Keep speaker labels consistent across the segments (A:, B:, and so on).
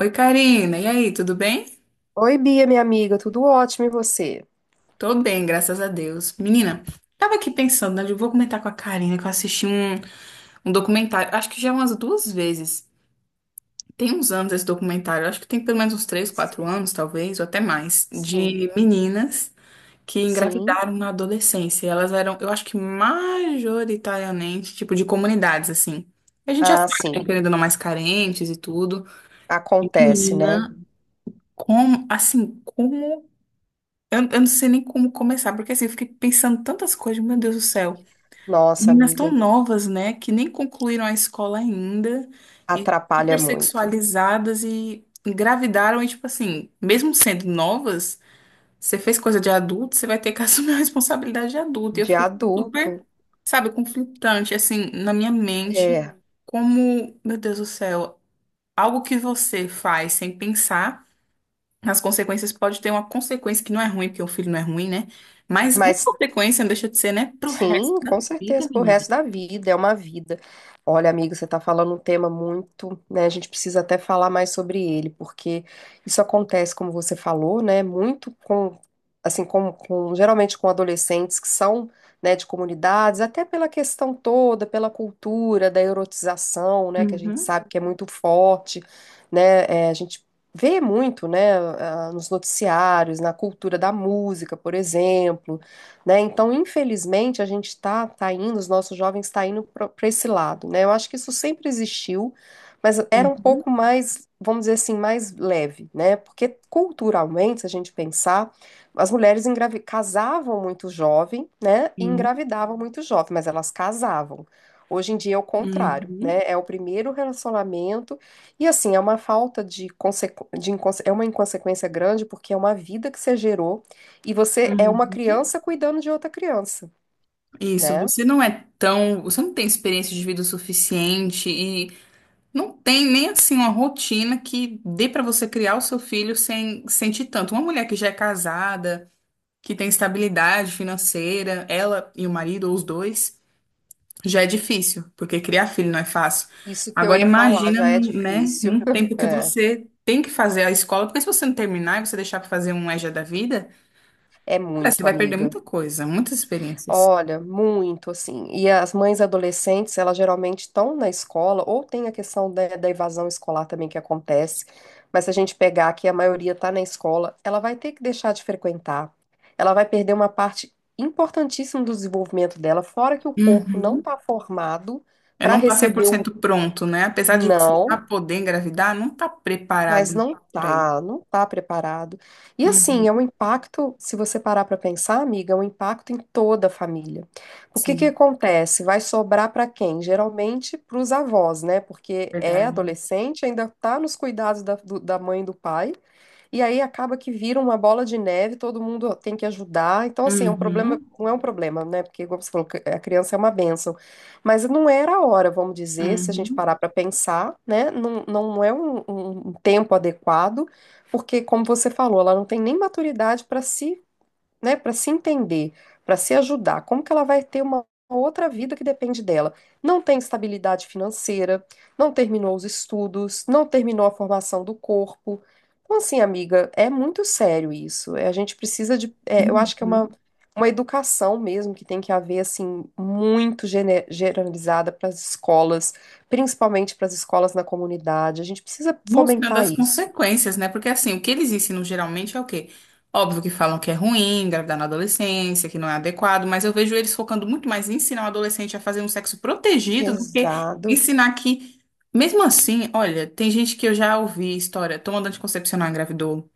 A: Oi, Karina. E aí, tudo bem?
B: Oi, Bia, minha amiga, tudo ótimo e você?
A: Tô bem, graças a Deus. Menina, tava aqui pensando, né? Eu vou comentar com a Karina que eu assisti um documentário, acho que já umas duas vezes. Tem uns anos esse documentário, acho que tem pelo menos uns três, quatro
B: Sim,
A: anos, talvez, ou até mais,
B: sim,
A: de meninas que
B: sim.
A: engravidaram na adolescência. E elas eram, eu acho que majoritariamente, tipo, de comunidades, assim. A gente já
B: Ah,
A: sabe, né,
B: sim.
A: querendo ou não, mais carentes e tudo. E
B: Acontece, né?
A: menina, como, assim, como eu não sei nem como começar, porque assim, eu fiquei pensando tantas coisas, meu Deus do céu.
B: Nossa,
A: Meninas tão
B: amiga,
A: novas, né, que nem concluíram a escola ainda, e
B: atrapalha
A: super
B: muito.
A: sexualizadas e engravidaram, e tipo assim, mesmo sendo novas, você fez coisa de adulto, você vai ter que assumir a responsabilidade de adulto. E eu
B: De
A: fiquei super,
B: adulto,
A: sabe, conflitante, assim, na minha mente,
B: é.
A: como, meu Deus do céu, algo que você faz sem pensar. As consequências pode ter uma consequência que não é ruim, porque o filho não é ruim, né? Mas uma
B: Mas
A: consequência não deixa de ser, né? Pro resto
B: Sim,
A: da
B: com
A: vida,
B: certeza, pro
A: menina.
B: resto da vida, é uma vida. Olha, amigo, você está falando um tema muito, né? A gente precisa até falar mais sobre ele, porque isso acontece, como você falou, né? Muito com, assim, com- geralmente com adolescentes que são, né, de comunidades, até pela questão toda, pela cultura da erotização, né? Que a gente
A: Uhum,
B: sabe que é muito forte, né? A gente vê muito, né? Nos noticiários, na cultura da música, por exemplo, né? Então, infelizmente, a gente está tá indo, os nossos jovens estão indo para esse lado, né? Eu acho que isso sempre existiu, mas era um
A: uhum,
B: pouco mais, vamos dizer assim, mais leve, né? Porque culturalmente, se a gente pensar, as mulheres casavam muito jovem, né? E
A: uhum,
B: engravidavam muito jovem, mas elas casavam. Hoje em dia é o contrário,
A: uhum,
B: né? É o primeiro relacionamento e assim é uma falta de, consequ... de inconse- é uma inconsequência grande porque é uma vida que você gerou e você é uma
A: uhum.
B: criança cuidando de outra criança,
A: Isso,
B: né?
A: você não é tão. Você não tem experiência de vida o suficiente e não tem nem assim uma rotina que dê pra você criar o seu filho sem sentir tanto. Uma mulher que já é casada, que tem estabilidade financeira, ela e o marido, ou os dois. Já é difícil, porque criar filho não é fácil.
B: Isso que eu
A: Agora
B: ia falar,
A: imagina,
B: já é
A: né,
B: difícil.
A: num tempo que
B: É,
A: você tem que fazer a escola, porque se você não terminar e você deixar para fazer um EJA da vida,
B: é
A: cara, você
B: muito,
A: vai perder
B: amiga.
A: muita coisa, muitas experiências.
B: Olha, muito, assim. E as mães adolescentes, elas geralmente estão na escola, ou tem a questão da evasão escolar também que acontece. Mas se a gente pegar que a maioria está na escola, ela vai ter que deixar de frequentar. Ela vai perder uma parte importantíssima do desenvolvimento dela, fora que o corpo não
A: Uhum.
B: está formado
A: É
B: para
A: não tá cem por
B: receber o
A: cento pronto, né? Apesar de você já
B: não.
A: poder engravidar, não tá
B: Mas
A: preparado
B: não
A: para ir.
B: tá, não tá preparado. E
A: Uhum.
B: assim, é um impacto, se você parar para pensar, amiga, é um impacto em toda a família. O que que
A: Sim,
B: acontece? Vai sobrar para quem? Geralmente para os avós, né? Porque é
A: verdade.
B: adolescente, ainda tá nos cuidados da mãe e do pai. E aí acaba que vira uma bola de neve, todo mundo tem que ajudar. Então, assim, é um problema,
A: Uhum.
B: não é um problema, né? Porque, como você falou, que a criança é uma bênção. Mas não era a hora, vamos dizer, se a gente
A: Uhum.
B: parar para pensar, né? Não, não, não é um tempo adequado, porque, como você falou, ela não tem nem maturidade para se, né, para se entender, para se ajudar, como que ela vai ter uma outra vida que depende dela? Não tem estabilidade financeira, não terminou os estudos, não terminou a formação do corpo. Então, assim, amiga, é muito sério isso. A gente precisa de, eu acho que é
A: Uhum.
B: uma educação mesmo que tem que haver, assim, muito generalizada para as escolas, principalmente para as escolas na comunidade. A gente precisa
A: Mostrando
B: fomentar
A: as
B: isso.
A: consequências, né? Porque assim, o que eles ensinam geralmente é o quê? Óbvio que falam que é ruim, engravidar na adolescência, que não é adequado, mas eu vejo eles focando muito mais em ensinar o adolescente a fazer um sexo protegido do que
B: Exato.
A: ensinar que, mesmo assim, olha, tem gente que eu já ouvi história, tomando anticoncepcional engravidou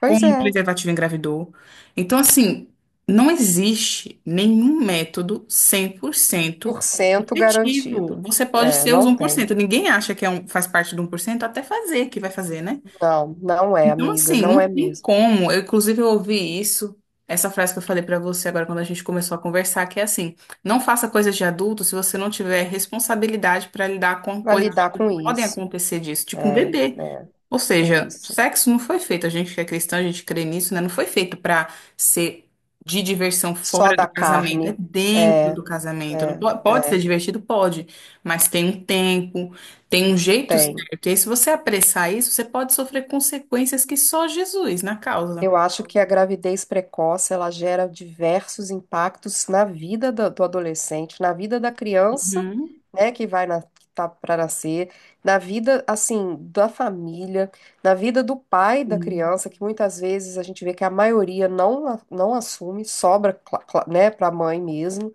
A: com o
B: é.
A: preservativo engravidou. Então, assim, não existe nenhum método 100%
B: Por cento
A: efetivo.
B: garantido.
A: Você pode
B: É,
A: ser os
B: não tem.
A: 1%. Ninguém acha que é um, faz parte do 1% até fazer, que vai fazer, né?
B: Não, não é,
A: Então,
B: amiga,
A: assim,
B: não é
A: não tem
B: mesmo.
A: como. Eu, inclusive, eu ouvi isso, essa frase que eu falei pra você agora quando a gente começou a conversar, que é assim, não faça coisas de adulto se você não tiver responsabilidade pra lidar com
B: Vai
A: coisas de
B: lidar
A: adulto
B: com
A: que podem
B: isso.
A: acontecer disso, tipo um
B: É, é,
A: bebê. Ou
B: é
A: seja,
B: isso.
A: sexo não foi feito, a gente que é cristão, a gente crê nisso, né? Não foi feito para ser de diversão
B: Só
A: fora do
B: da
A: casamento, é
B: carne. É,
A: dentro do casamento. Não
B: é,
A: po- Pode ser
B: é.
A: divertido? Pode, mas tem um tempo, tem um jeito
B: Tem.
A: certo. E aí, se você apressar isso, você pode sofrer consequências que só Jesus na causa.
B: Eu acho que a gravidez precoce ela gera diversos impactos na vida do adolescente, na vida da criança,
A: Uhum.
B: né, que vai na, que tá para nascer, na vida assim da família, na vida do pai da criança, que muitas vezes a gente vê que a maioria não assume, sobra, né, para a mãe mesmo.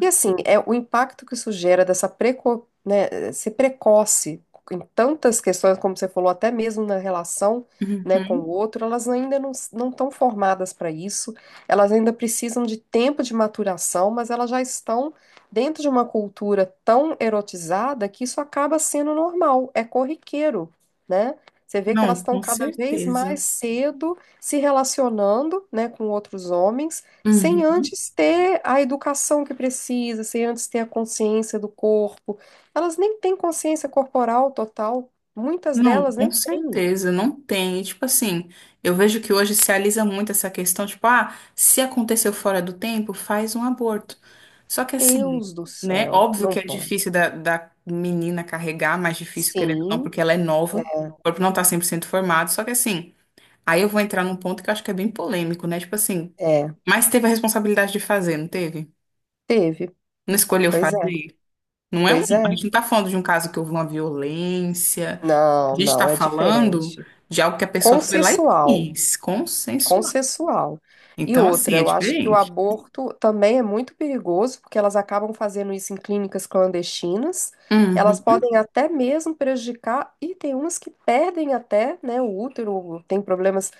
B: E assim, é o impacto que isso gera né, ser precoce em tantas questões, como você falou, até mesmo na relação, né, com o
A: Uhum.
B: outro, elas ainda não estão formadas para isso, elas ainda precisam de tempo de maturação, mas elas já estão dentro de uma cultura tão erotizada que isso acaba sendo normal, é corriqueiro, né? Você vê que elas
A: Não,
B: estão
A: com
B: cada vez
A: certeza.
B: mais cedo se relacionando, né, com outros homens sem
A: Uhum.
B: antes ter a educação que precisa, sem antes ter a consciência do corpo. Elas nem têm consciência corporal total, muitas
A: Não,
B: delas
A: com
B: nem têm.
A: certeza, não tem. E, tipo assim, eu vejo que hoje se alisa muito essa questão, tipo, ah, se aconteceu fora do tempo, faz um aborto. Só que assim,
B: Deus do
A: né,
B: céu,
A: óbvio que
B: não
A: é
B: pode.
A: difícil da menina carregar, mais difícil, querendo ou não,
B: Sim,
A: porque ela é nova, o
B: é,
A: corpo não tá 100% formado, só que assim, aí eu vou entrar num ponto que eu acho que é bem polêmico, né, tipo assim,
B: é.
A: mas teve a responsabilidade de fazer, não teve?
B: Teve.
A: Não escolheu
B: Pois é,
A: fazer? Não é um,
B: pois
A: a
B: é.
A: gente não está falando de um caso que houve uma violência. A
B: Não,
A: gente está
B: não, é
A: falando
B: diferente.
A: de algo que a pessoa foi lá e
B: Consensual,
A: quis, consensual.
B: consensual. E
A: Então, assim,
B: outra,
A: é
B: eu acho que o
A: diferente.
B: aborto também é muito perigoso, porque elas acabam fazendo isso em clínicas clandestinas. Elas
A: Uhum.
B: podem até mesmo prejudicar, e tem umas que perdem até, né, o útero, tem problemas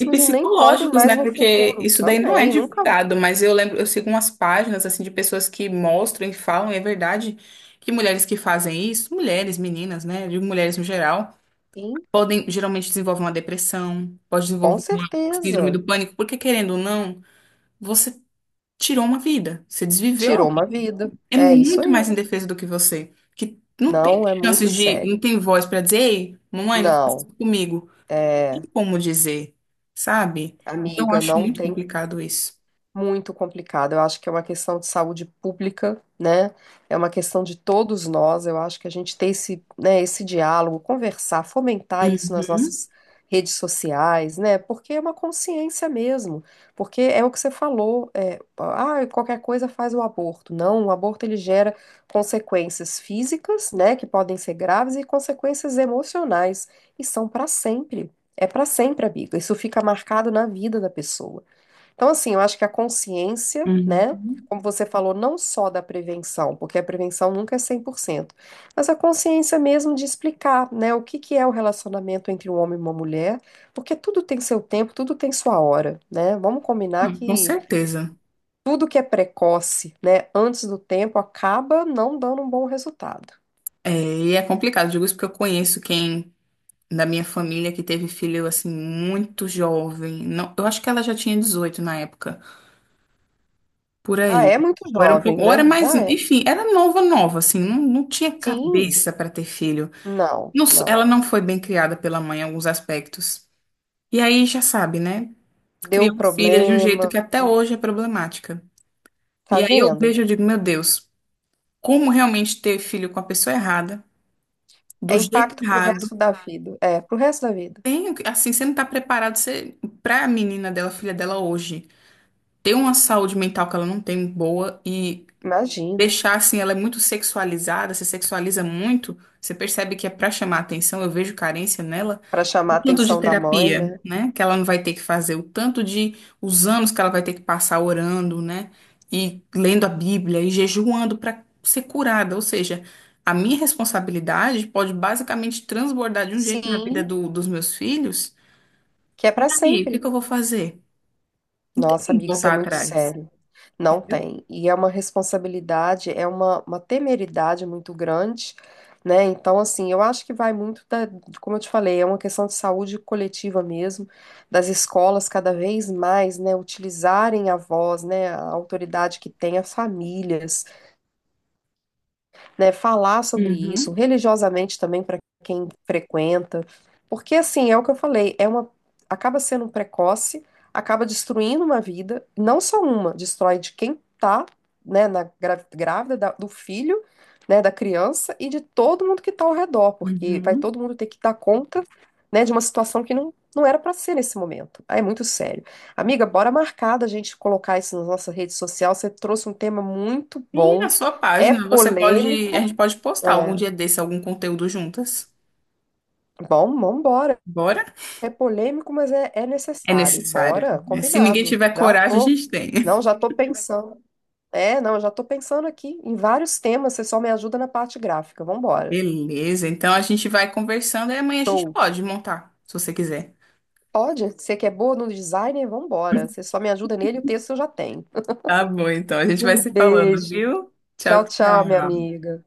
A: E
B: e nem podem
A: psicológicos,
B: mais
A: né?
B: no
A: Porque
B: futuro
A: isso daí não é
B: também. Nunca
A: divulgado, mas eu lembro, eu sigo umas páginas assim de pessoas que mostram e falam, e é verdade que mulheres que fazem isso, mulheres, meninas, né? De mulheres no geral,
B: vi,
A: podem geralmente desenvolver uma depressão, pode
B: com
A: desenvolver uma síndrome
B: certeza.
A: do pânico, porque querendo ou não, você tirou uma vida, você desviveu
B: Tirou uma vida.
A: é
B: É isso
A: muito
B: aí.
A: mais indefesa do que você, que não tem
B: Não, é muito
A: chances de, não
B: sério.
A: tem voz para dizer, ei, mamãe, não faça isso
B: Não,
A: comigo. Tem
B: é,
A: como dizer, sabe? Então, eu
B: amiga,
A: acho
B: não
A: muito
B: tem,
A: complicado isso.
B: muito complicado. Eu acho que é uma questão de saúde pública, né? É uma questão de todos nós. Eu acho que a gente ter esse, né, esse diálogo, conversar, fomentar isso nas
A: Uhum,
B: nossas redes sociais, né? Porque é uma consciência mesmo. Porque é o que você falou, qualquer coisa faz o aborto. Não, o aborto ele gera consequências físicas, né, que podem ser graves e consequências emocionais e são para sempre. É para sempre, amiga. Isso fica marcado na vida da pessoa. Então, assim, eu acho que a consciência, né?
A: uhum.
B: Como você falou, não só da prevenção, porque a prevenção nunca é 100%, mas a consciência mesmo de explicar, né, o que que é o relacionamento entre um homem e uma mulher, porque tudo tem seu tempo, tudo tem sua hora, né? Vamos combinar
A: Não, com
B: que
A: certeza.
B: tudo que é precoce, né, antes do tempo, acaba não dando um bom resultado.
A: É, e é complicado, digo isso porque eu conheço quem da minha família que teve filho assim muito jovem. Não, eu acho que ela já tinha 18 na época, por
B: Ah,
A: aí.
B: é muito
A: Ou era um pouco,
B: jovem,
A: ou era
B: né?
A: mais,
B: Já é.
A: enfim, era nova, nova, assim, não, não tinha
B: Sim,
A: cabeça para ter filho.
B: não,
A: Não, ela
B: não.
A: não foi bem criada pela mãe em alguns aspectos. E aí já sabe, né?
B: Deu
A: Criou filha de um jeito
B: problema,
A: que até hoje é problemática.
B: tá
A: E aí eu
B: vendo?
A: vejo e digo, meu Deus, como realmente ter filho com a pessoa errada, do
B: É
A: jeito
B: impacto pro
A: errado?
B: resto da vida. É, pro resto da vida.
A: Tem, assim, você não tá preparado você, pra menina dela, filha dela hoje, ter uma saúde mental que ela não tem boa e
B: Imagino.
A: deixar assim, ela é muito sexualizada, se sexualiza muito, você percebe que é pra chamar atenção, eu vejo carência nela.
B: Pra chamar a
A: O tanto de
B: atenção da mãe,
A: terapia,
B: né?
A: né? Que ela não vai ter que fazer, o tanto de os anos que ela vai ter que passar orando, né? E lendo a Bíblia e jejuando para ser curada. Ou seja, a minha responsabilidade pode basicamente transbordar de um jeito na vida
B: Sim,
A: dos meus filhos.
B: que é
A: E
B: pra
A: aí, o que que
B: sempre.
A: eu vou fazer? Não tem
B: Nossa,
A: que
B: amigo, isso é
A: voltar
B: muito
A: atrás,
B: sério. Não
A: entendeu?
B: tem. E é uma responsabilidade, é uma temeridade muito grande, né? Então, assim, eu acho que vai muito da, como eu te falei, é uma questão de saúde coletiva mesmo, das escolas cada vez mais, né, utilizarem a voz, né, a autoridade que tem, as famílias, né, falar sobre isso
A: Uhum,
B: religiosamente também para quem frequenta, porque assim, é o que eu falei, é uma, acaba sendo um precoce, acaba destruindo uma vida, não só uma, destrói de quem tá, grávida do filho, né, da criança e de todo mundo que tá ao redor, porque vai
A: uhum.
B: todo mundo ter que dar conta, né, de uma situação que não, não era para ser nesse momento. Ah, é muito sério. Amiga, bora marcar da gente colocar isso na nossa rede social. Você trouxe um tema muito
A: E na
B: bom,
A: sua
B: é
A: página, você pode, a gente
B: polêmico,
A: pode postar algum
B: é,
A: dia desse algum conteúdo juntas.
B: bom, vambora.
A: Bora?
B: É polêmico, mas é
A: É
B: necessário.
A: necessário.
B: Bora,
A: Né? Se ninguém
B: combinado.
A: tiver coragem, a gente tem.
B: Já tô pensando. É, não, eu já tô pensando aqui em vários temas, você só me ajuda na parte gráfica. Vambora.
A: Beleza, então a gente vai conversando e amanhã a gente
B: Show.
A: pode montar, se você quiser.
B: Pode? Você que é boa no design, vambora. Você só me ajuda nele, o texto eu já tenho.
A: Tá bom, então a gente vai
B: Um
A: se falando,
B: beijo.
A: viu? Tchau,
B: Tchau, tchau, minha
A: tchau.
B: amiga.